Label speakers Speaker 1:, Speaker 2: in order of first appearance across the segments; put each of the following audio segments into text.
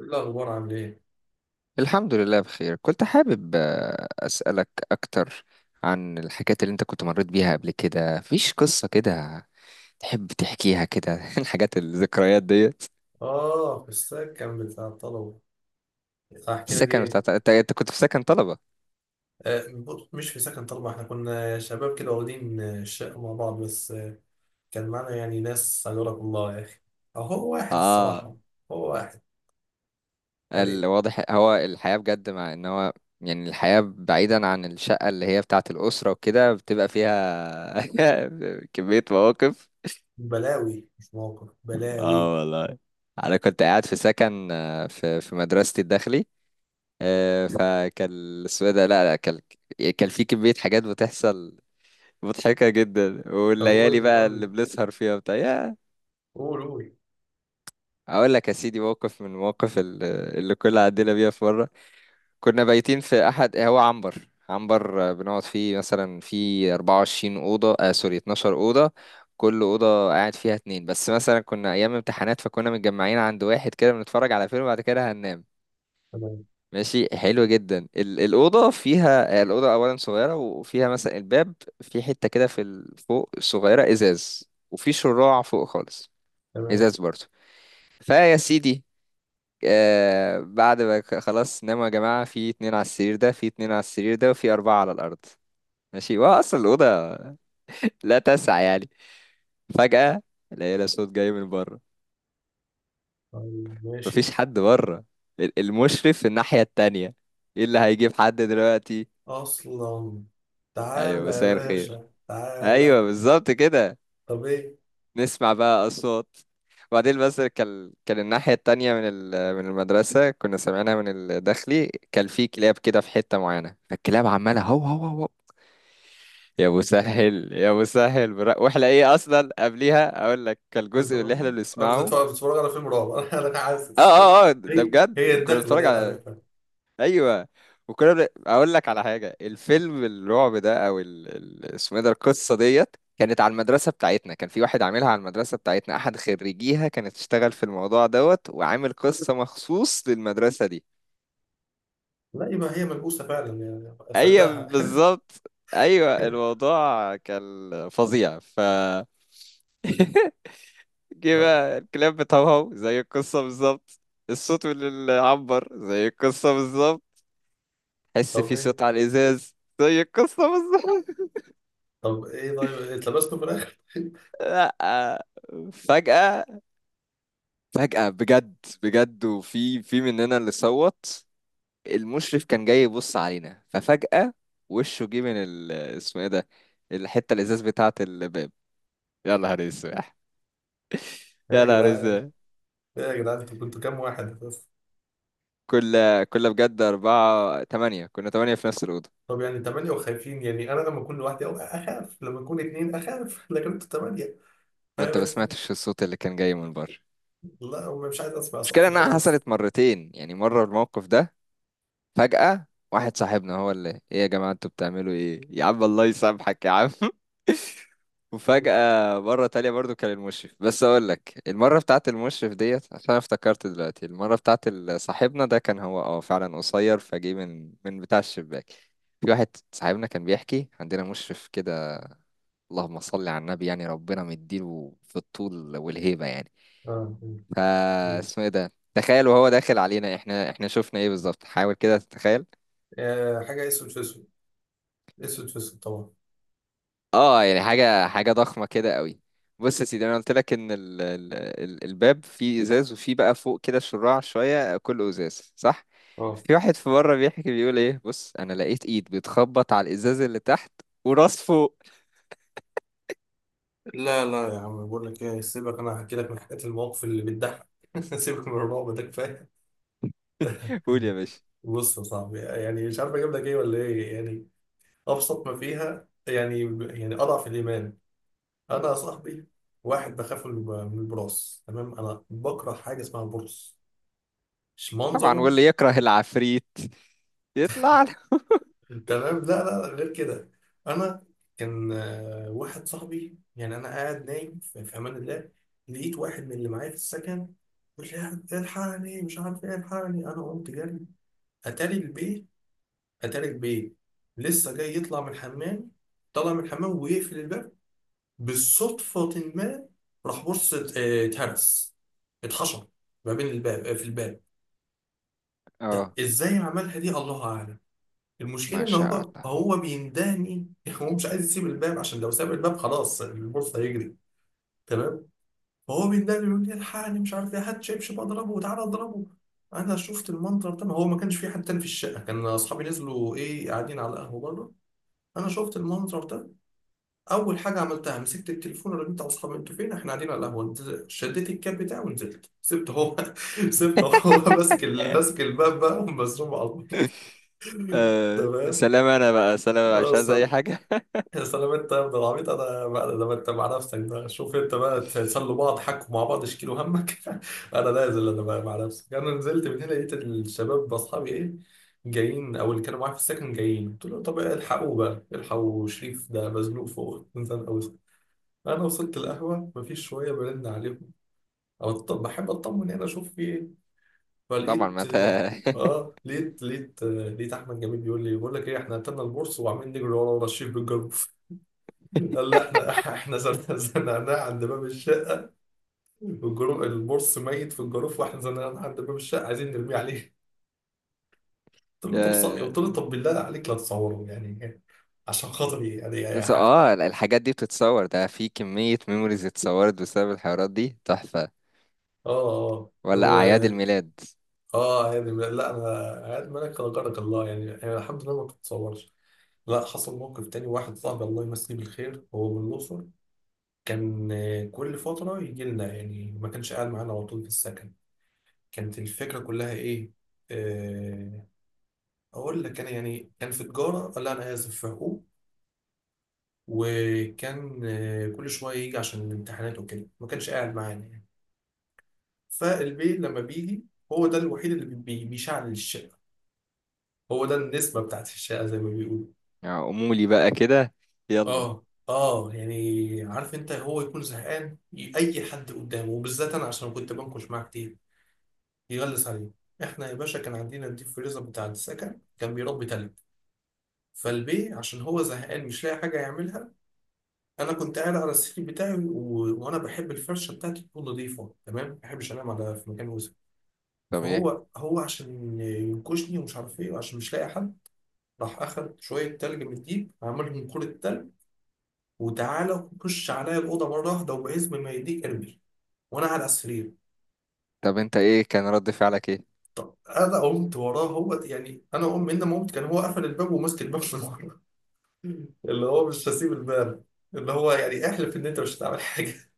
Speaker 1: إيه الأخبار؟ عامل إيه؟
Speaker 2: الحمد لله بخير. كنت حابب أسألك أكتر عن الحاجات اللي أنت كنت مريت بيها قبل كده، فيش قصة كده تحب تحكيها كده؟ الحاجات الذكريات ديت.
Speaker 1: في السكن بتاع الطلبة. أحكي لك
Speaker 2: السكن
Speaker 1: إيه؟
Speaker 2: بتاع أنت كنت في سكن طلبة؟
Speaker 1: بص، مش في سكن طلبة. إحنا كنا شباب كده واخدين الشقة مع بعض بس. كان معانا يعني ناس، أجرك الله يا أخي. هو واحد
Speaker 2: آه
Speaker 1: الصراحة. هو واحد يعني.
Speaker 2: الواضح هو الحياة بجد، مع إن هو يعني الحياة بعيدا عن الشقة اللي هي بتاعة الأسرة وكده بتبقى فيها كمية مواقف.
Speaker 1: بلاوي، مش موقف بلاوي.
Speaker 2: اه والله. أنا كنت قاعد في سكن، في في مدرستي الداخلي. فكان اسمه إيه ده، لا لا، كان في كمية حاجات بتحصل مضحكة جدا،
Speaker 1: طب قول
Speaker 2: والليالي
Speaker 1: لي
Speaker 2: بقى
Speaker 1: قول
Speaker 2: اللي
Speaker 1: لي.
Speaker 2: بنسهر فيها بتاع يا.
Speaker 1: قول قول.
Speaker 2: اقول لك يا سيدي، موقف من المواقف اللي كنا عدينا بيها. في مرة كنا بايتين في احد، هو عنبر، بنقعد فيه مثلا في 24 أوضة، سوري، 12 أوضة. كل أوضة قاعد فيها اتنين بس. مثلا كنا أيام امتحانات، فكنا متجمعين عند واحد كده بنتفرج على فيلم وبعد كده هننام.
Speaker 1: تمام.
Speaker 2: ماشي، حلو جدا. الأوضة فيها، الأوضة أولا صغيرة، وفيها مثلا الباب في حتة كده في فوق صغيرة إزاز، وفي شراع فوق خالص
Speaker 1: تمام.
Speaker 2: إزاز برضه. فيا سيدي، بعد ما خلاص ناموا يا جماعة، في اتنين على السرير ده، في اتنين على السرير ده، وفي أربعة على الأرض. ماشي، وهو أصلا الأوضة لا تسع يعني. فجأة لقينا صوت جاي من بره.
Speaker 1: طيب ماشي.
Speaker 2: مفيش حد بره، المشرف في الناحية التانية، ايه اللي هيجيب حد دلوقتي؟
Speaker 1: أصلا.
Speaker 2: أيوة،
Speaker 1: تعالى يا
Speaker 2: مساء الخير،
Speaker 1: باشا
Speaker 2: ايوه
Speaker 1: تعالى.
Speaker 2: بالظبط كده.
Speaker 1: طب إيه؟
Speaker 2: نسمع بقى اصوات. وبعدين بس كان الناحيه التانية من من المدرسه كنا سامعينها من الداخلي، كان في كلاب كده في حته معينه، فالكلاب عماله هو هو هو، يا مسهل يا مسهل برا، واحنا ايه اصلا. قبليها اقول لك، كان
Speaker 1: كنت
Speaker 2: الجزء اللي
Speaker 1: ب-
Speaker 2: احنا
Speaker 1: أنا مش
Speaker 2: بنسمعه.
Speaker 1: بتفرج مش بتفرج على فيلم رعب. أنا
Speaker 2: اه
Speaker 1: حاسس
Speaker 2: اه اه، ده
Speaker 1: هي
Speaker 2: بجد كنا
Speaker 1: الدخلة
Speaker 2: بنتفرج
Speaker 1: دي أنا
Speaker 2: على،
Speaker 1: عارفها.
Speaker 2: ايوه، وكنا اقول لك على حاجه. الفيلم الرعب ده او اسمه ايه ده، القصه ديت كانت على المدرسه بتاعتنا، كان في واحد عاملها على المدرسه بتاعتنا، احد خريجيها، كانت تشتغل في الموضوع دوت وعامل قصه مخصوص للمدرسه دي.
Speaker 1: لا، يبقى هي ملبوسة فعلا، يعني
Speaker 2: ايوه
Speaker 1: أصدقها.
Speaker 2: بالظبط. ايوه الموضوع كان فظيع، ف جه بقى الكلاب بتهوهو زي القصه بالظبط، الصوت اللي عبر زي القصه بالظبط، حس
Speaker 1: طب
Speaker 2: في
Speaker 1: إيه؟
Speaker 2: صوت على الازاز زي القصه بالظبط.
Speaker 1: طب إيه؟ طيب اتلبستوا في الآخر؟
Speaker 2: لا، فجأة فجأة بجد، بجد، وفي في مننا اللي صوت المشرف كان جاي يبص علينا. ففجأة وشه جه من ال، اسمه ايه ده، الحتة الإزاز بتاعة الباب. يا نهار اسود،
Speaker 1: إيه
Speaker 2: يا
Speaker 1: يا
Speaker 2: نهار
Speaker 1: جدعان؟
Speaker 2: اسود.
Speaker 1: إيه يا جدعان، أنتوا كنتوا كام واحد بس؟
Speaker 2: كل كل بجد، أربعة، تمانية، كنا تمانية في نفس الأوضة.
Speaker 1: طب يعني تمانية وخايفين؟ يعني أنا لما أكون لوحدي أو أخاف، لما أكون اتنين أخاف، لكن أنتوا تمانية. فاهم
Speaker 2: وأنت ما
Speaker 1: أنت؟
Speaker 2: سمعتش الصوت اللي كان جاي من بره؟
Speaker 1: لا، مش عايز أسمع،
Speaker 2: المشكلة
Speaker 1: صح،
Speaker 2: إنها
Speaker 1: خلاص.
Speaker 2: حصلت مرتين يعني. مرة الموقف ده، فجأة واحد صاحبنا هو اللي: ايه يا جماعة انتوا بتعملوا ايه؟ يا عم الله يسامحك يا عم.
Speaker 1: آه.
Speaker 2: وفجأة مرة تانية برضو كان المشرف. بس أقول لك المرة بتاعت المشرف ديت، عشان أنا افتكرت دلوقتي، المرة بتاعت صاحبنا ده، كان هو فعلا قصير، فجه من بتاع الشباك. في واحد صاحبنا كان بيحكي، عندنا مشرف كده، اللهم صل على النبي، يعني ربنا مديله في الطول والهيبة يعني.
Speaker 1: آه.
Speaker 2: فا
Speaker 1: آه.
Speaker 2: اسمه ايه ده، تخيل وهو داخل علينا احنا شفنا ايه بالظبط، حاول كده تتخيل.
Speaker 1: آه، حاجة أسود في أسود. أسود في أسود طبعا.
Speaker 2: اه يعني حاجة ضخمة كده قوي. بص يا سيدي، انا قلت لك ان ال ال ال الباب فيه ازاز، وفيه بقى فوق كده شراع شوية، كله ازاز صح؟
Speaker 1: اه.
Speaker 2: في واحد في بره بيحكي بيقول ايه؟ بص، انا لقيت ايد بتخبط على الازاز اللي تحت وراس فوق.
Speaker 1: لا لا يا عم، بقول لك ايه، سيبك، انا هحكي لك من حكايات المواقف اللي بتضحك. سيبك من الرعب ده، كفايه.
Speaker 2: قول يا باشا.
Speaker 1: بص يا صاحبي، يعني مش عارف اجيب لك ايه ولا ايه يعني. ابسط ما فيها يعني. يعني اضعف الايمان. انا يا صاحبي، واحد بخاف من من البراس. تمام. انا بكره حاجه اسمها البرص، مش
Speaker 2: طبعا،
Speaker 1: منظره.
Speaker 2: واللي يكره العفريت يطلع له.
Speaker 1: تمام. لا لا لا، غير كده. انا كان واحد صاحبي، يعني انا قاعد نايم في امان الله، لقيت واحد من اللي معايا في السكن بيقول لي: الحقني، مش عارف ايه، الحقني. انا قمت جري. اتاري البيت، اتاري البيت لسه جاي يطلع من الحمام. طلع من الحمام ويقفل الباب بالصدفة، ما راح بص، اتهرس، اتحشر ما بين الباب، في الباب. ده
Speaker 2: اه
Speaker 1: ازاي عملها دي؟ الله اعلم.
Speaker 2: ما
Speaker 1: المشكلة إن
Speaker 2: شاء
Speaker 1: هو
Speaker 2: الله.
Speaker 1: هو بيندهني. هو مش عايز يسيب الباب، عشان لو ساب الباب خلاص البورصة هيجري. تمام. فهو بيندهني يقول لي: الحقني، مش عارف إيه، هات شبشب أضربه وتعالى أضربه. أنا شفت المنظر ده، ما هو ما كانش في حد تاني في الشقة، كان أصحابي نزلوا إيه قاعدين على القهوة بره. أنا شفت المنظر ده. أول حاجة عملتها مسكت التليفون، رنيت على أصحابي: أنتوا فين؟ إحنا قاعدين على القهوة. شديت الكاب بتاعي ونزلت، سبت هو. سبت هو ماسك ماسك الباب بقى ومزروم على الأرض.
Speaker 2: آه
Speaker 1: تمام.
Speaker 2: سلام، انا بقى سلام،
Speaker 1: اه
Speaker 2: مش عايز اي حاجة.
Speaker 1: سلام، انت يا ابن العبيط انا بقى، لما انت مع نفسك ده شوف انت بقى، تسلوا بعض، حكوا مع بعض، اشكيلوا همك. انا نازل، انا بقى مع نفسك. انا نزلت من هنا، لقيت الشباب باصحابي ايه، جايين، او اللي كانوا معايا في السكن جايين، قلت لهم: طب الحقوا بقى، الحقوا شريف ده مزنوق فوق، نزل قوي. انا وصلت القهوه مفيش، شويه برن عليهم، او طب بحب اطمن هنا اشوف في ايه.
Speaker 2: طبعا
Speaker 1: فلقيت،
Speaker 2: ما انت.
Speaker 1: اه، لقيت احمد جميل بيقول لي: بقول لك ايه، احنا قتلنا البورصه، وعمالين نجري ورا الشريف بالجروب. قال: لا احنا، زنقناه عند باب الشقه، والجروف البورس ميت في الجروف، واحنا زنقناه عند باب الشقه عايزين نرميه عليه. قلت له:
Speaker 2: يا
Speaker 1: طب بالله عليك، لا تصوره يعني، عشان خاطري يعني، يا
Speaker 2: بس
Speaker 1: حق.
Speaker 2: الحاجات دي بتتصور، ده في كمية ميموريز اتصورت بسبب الحوارات دي تحفة،
Speaker 1: اه اه،
Speaker 2: ولا
Speaker 1: لو،
Speaker 2: أعياد الميلاد
Speaker 1: اه يعني لا انا، عاد مالك غيرك الله يعني، الحمد لله، ما بتتصورش. لا، حصل موقف تاني، واحد صاحبي الله يمسيه بالخير، هو من الأقصر. كان كل فترة يجي لنا، يعني ما كانش قاعد معانا على طول في السكن. كانت الفكرة كلها إيه، آه، اقول لك، انا يعني كان في تجاره، لا انا اسف، في حقوق. وكان كل شويه يجي عشان الامتحانات وكده، ما كانش قاعد معانا يعني. فالبي لما بيجي، هو ده الوحيد اللي بيشعل الشقه. هو ده النسبه بتاعت الشقه زي ما بيقولوا.
Speaker 2: يعني أمولي بقى كده، يلا.
Speaker 1: اه اه يعني عارف انت، هو يكون زهقان، اي حد قدامه وبالذات انا، عشان كنت بنكش معاه كتير. يغلس عليه. احنا يا باشا كان عندنا الديب فريزر بتاع السكن، كان بيربي تلج. فالبي عشان هو زهقان مش لاقي حاجه يعملها، انا كنت قاعد على السرير بتاعي، وانا بحب الفرشه بتاعتي تكون نظيفه تمام، ما بحبش انام على في مكان وسخ.
Speaker 2: طب ايه؟
Speaker 1: فهو عشان ينكشني، ومش عارف ايه، وعشان مش لاقي حد، راح اخد شويه تلج من الديب، عملهم كوره تلج، وتعالى خش عليا الاوضه مره واحده، وبعزم ما يديك ارمي وانا على السرير.
Speaker 2: طب انت ايه كان رد فعلك ايه؟
Speaker 1: طب انا قمت وراه، هو يعني انا قمت، من ما قمت كان هو قفل الباب وماسك الباب من ورا، اللي هو مش هسيب الباب، اللي هو يعني احلف ان انت مش هتعمل حاجه.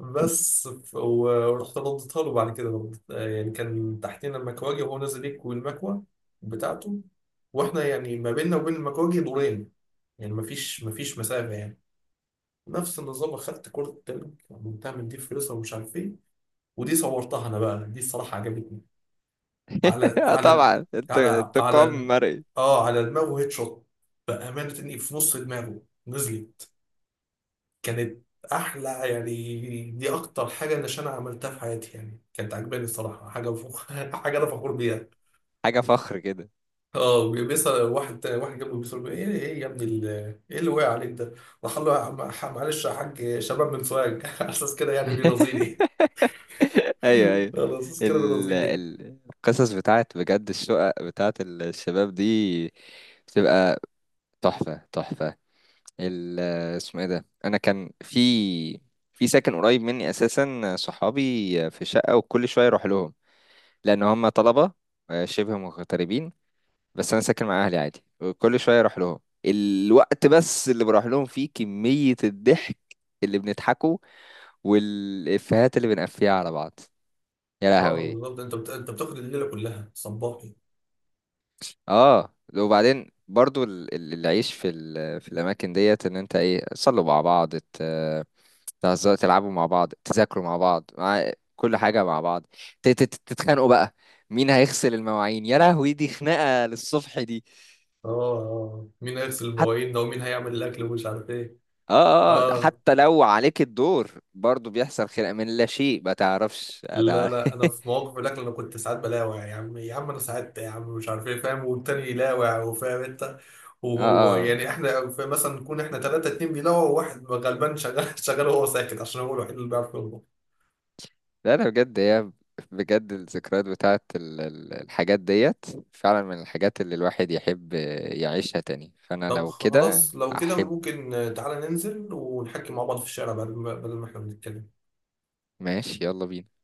Speaker 1: بس ورحت رديتها له بعد كده برضه. يعني كان تحتنا المكواجي، وهو نازل يكوي المكوى بتاعته، واحنا يعني ما بيننا وبين المكواجي دورين، يعني مفيش مسافة يعني. نفس النظام، اخدت كرة التلج، عملتها من دي فلوسها ومش عارف ايه، ودي صورتها انا بقى، دي الصراحة عجبتني. على
Speaker 2: آه
Speaker 1: على
Speaker 2: طبعا، انت
Speaker 1: على
Speaker 2: انتقام
Speaker 1: على
Speaker 2: مرئي.
Speaker 1: اه، على دماغه هيد شوت، بأمانة اني في نص دماغه نزلت. كانت احلى، يعني دي اكتر حاجه اللي انا عملتها في حياتي، يعني كانت عجباني الصراحه، حاجه انا فخور بيها.
Speaker 2: حاجة فخر كده.
Speaker 1: اه، بيسال واحد واحد جنبه، بيسال: ايه ايه يا ابني ايه اللي وقع عليك ده؟ راح قال له: معلش يا حاج، شباب من سوهاج. على اساس كده يعني بيرازيني.
Speaker 2: ايوه، ايوه.
Speaker 1: على اساس كده بيرازيني.
Speaker 2: القصص بتاعت بجد الشقق بتاعت الشباب دي بتبقى تحفة، تحفة. ال اسمه ايه ده، انا كان في في ساكن قريب مني اساسا، صحابي في شقه، وكل شويه اروح لهم لان هم طلبه، شبه مغتربين، بس انا ساكن مع اهلي عادي، وكل شويه اروح لهم. الوقت بس اللي بروح لهم فيه، كميه الضحك اللي بنضحكه والافيهات اللي بنقفيها على بعض، يا
Speaker 1: اه
Speaker 2: لهوي.
Speaker 1: بالظبط، انت بتاخد الليله كلها صباحي.
Speaker 2: اه، وبعدين برضو العيش في في الاماكن ديت، ان انت ايه، تصلوا مع بعض، تهزروا، تلعبوا مع بعض، تذاكروا مع بعض، مع كل حاجه مع بعض، تتخانقوا بقى، مين هيغسل المواعين. يا لهوي، دي خناقه للصبح دي.
Speaker 1: اه اه، آه. مين هيغسل
Speaker 2: حتى
Speaker 1: المواعين ده، ومين هيعمل الاكل ومش عارف ايه.
Speaker 2: اه اه
Speaker 1: اه،
Speaker 2: حتى لو عليك الدور برضو بيحصل خناقه من لا شيء، ما تعرفش
Speaker 1: لا لا انا في مواقف الاكل انا كنت ساعات بلاوع يا عم يا عم، انا ساعات يا عم مش عارف ايه، فاهم؟ والتاني يلاوع، وفاهم انت.
Speaker 2: اه
Speaker 1: وهو
Speaker 2: اه.
Speaker 1: يعني احنا مثلا نكون احنا ثلاثه، اتنين بيلاوع وواحد غلبان شغال. شغال وهو ساكت عشان هو الوحيد اللي بيعرف يطبخ.
Speaker 2: لا لا، بجد هي، بجد الذكريات بتاعت الحاجات ديت فعلا من الحاجات اللي الواحد يحب يعيشها تاني، فأنا
Speaker 1: طب
Speaker 2: لو كده
Speaker 1: خلاص لو كده
Speaker 2: أحب.
Speaker 1: ممكن تعالى ننزل ونحكي مع بعض في الشارع، بدل ما احنا بنتكلم.
Speaker 2: ماشي، يلا بينا.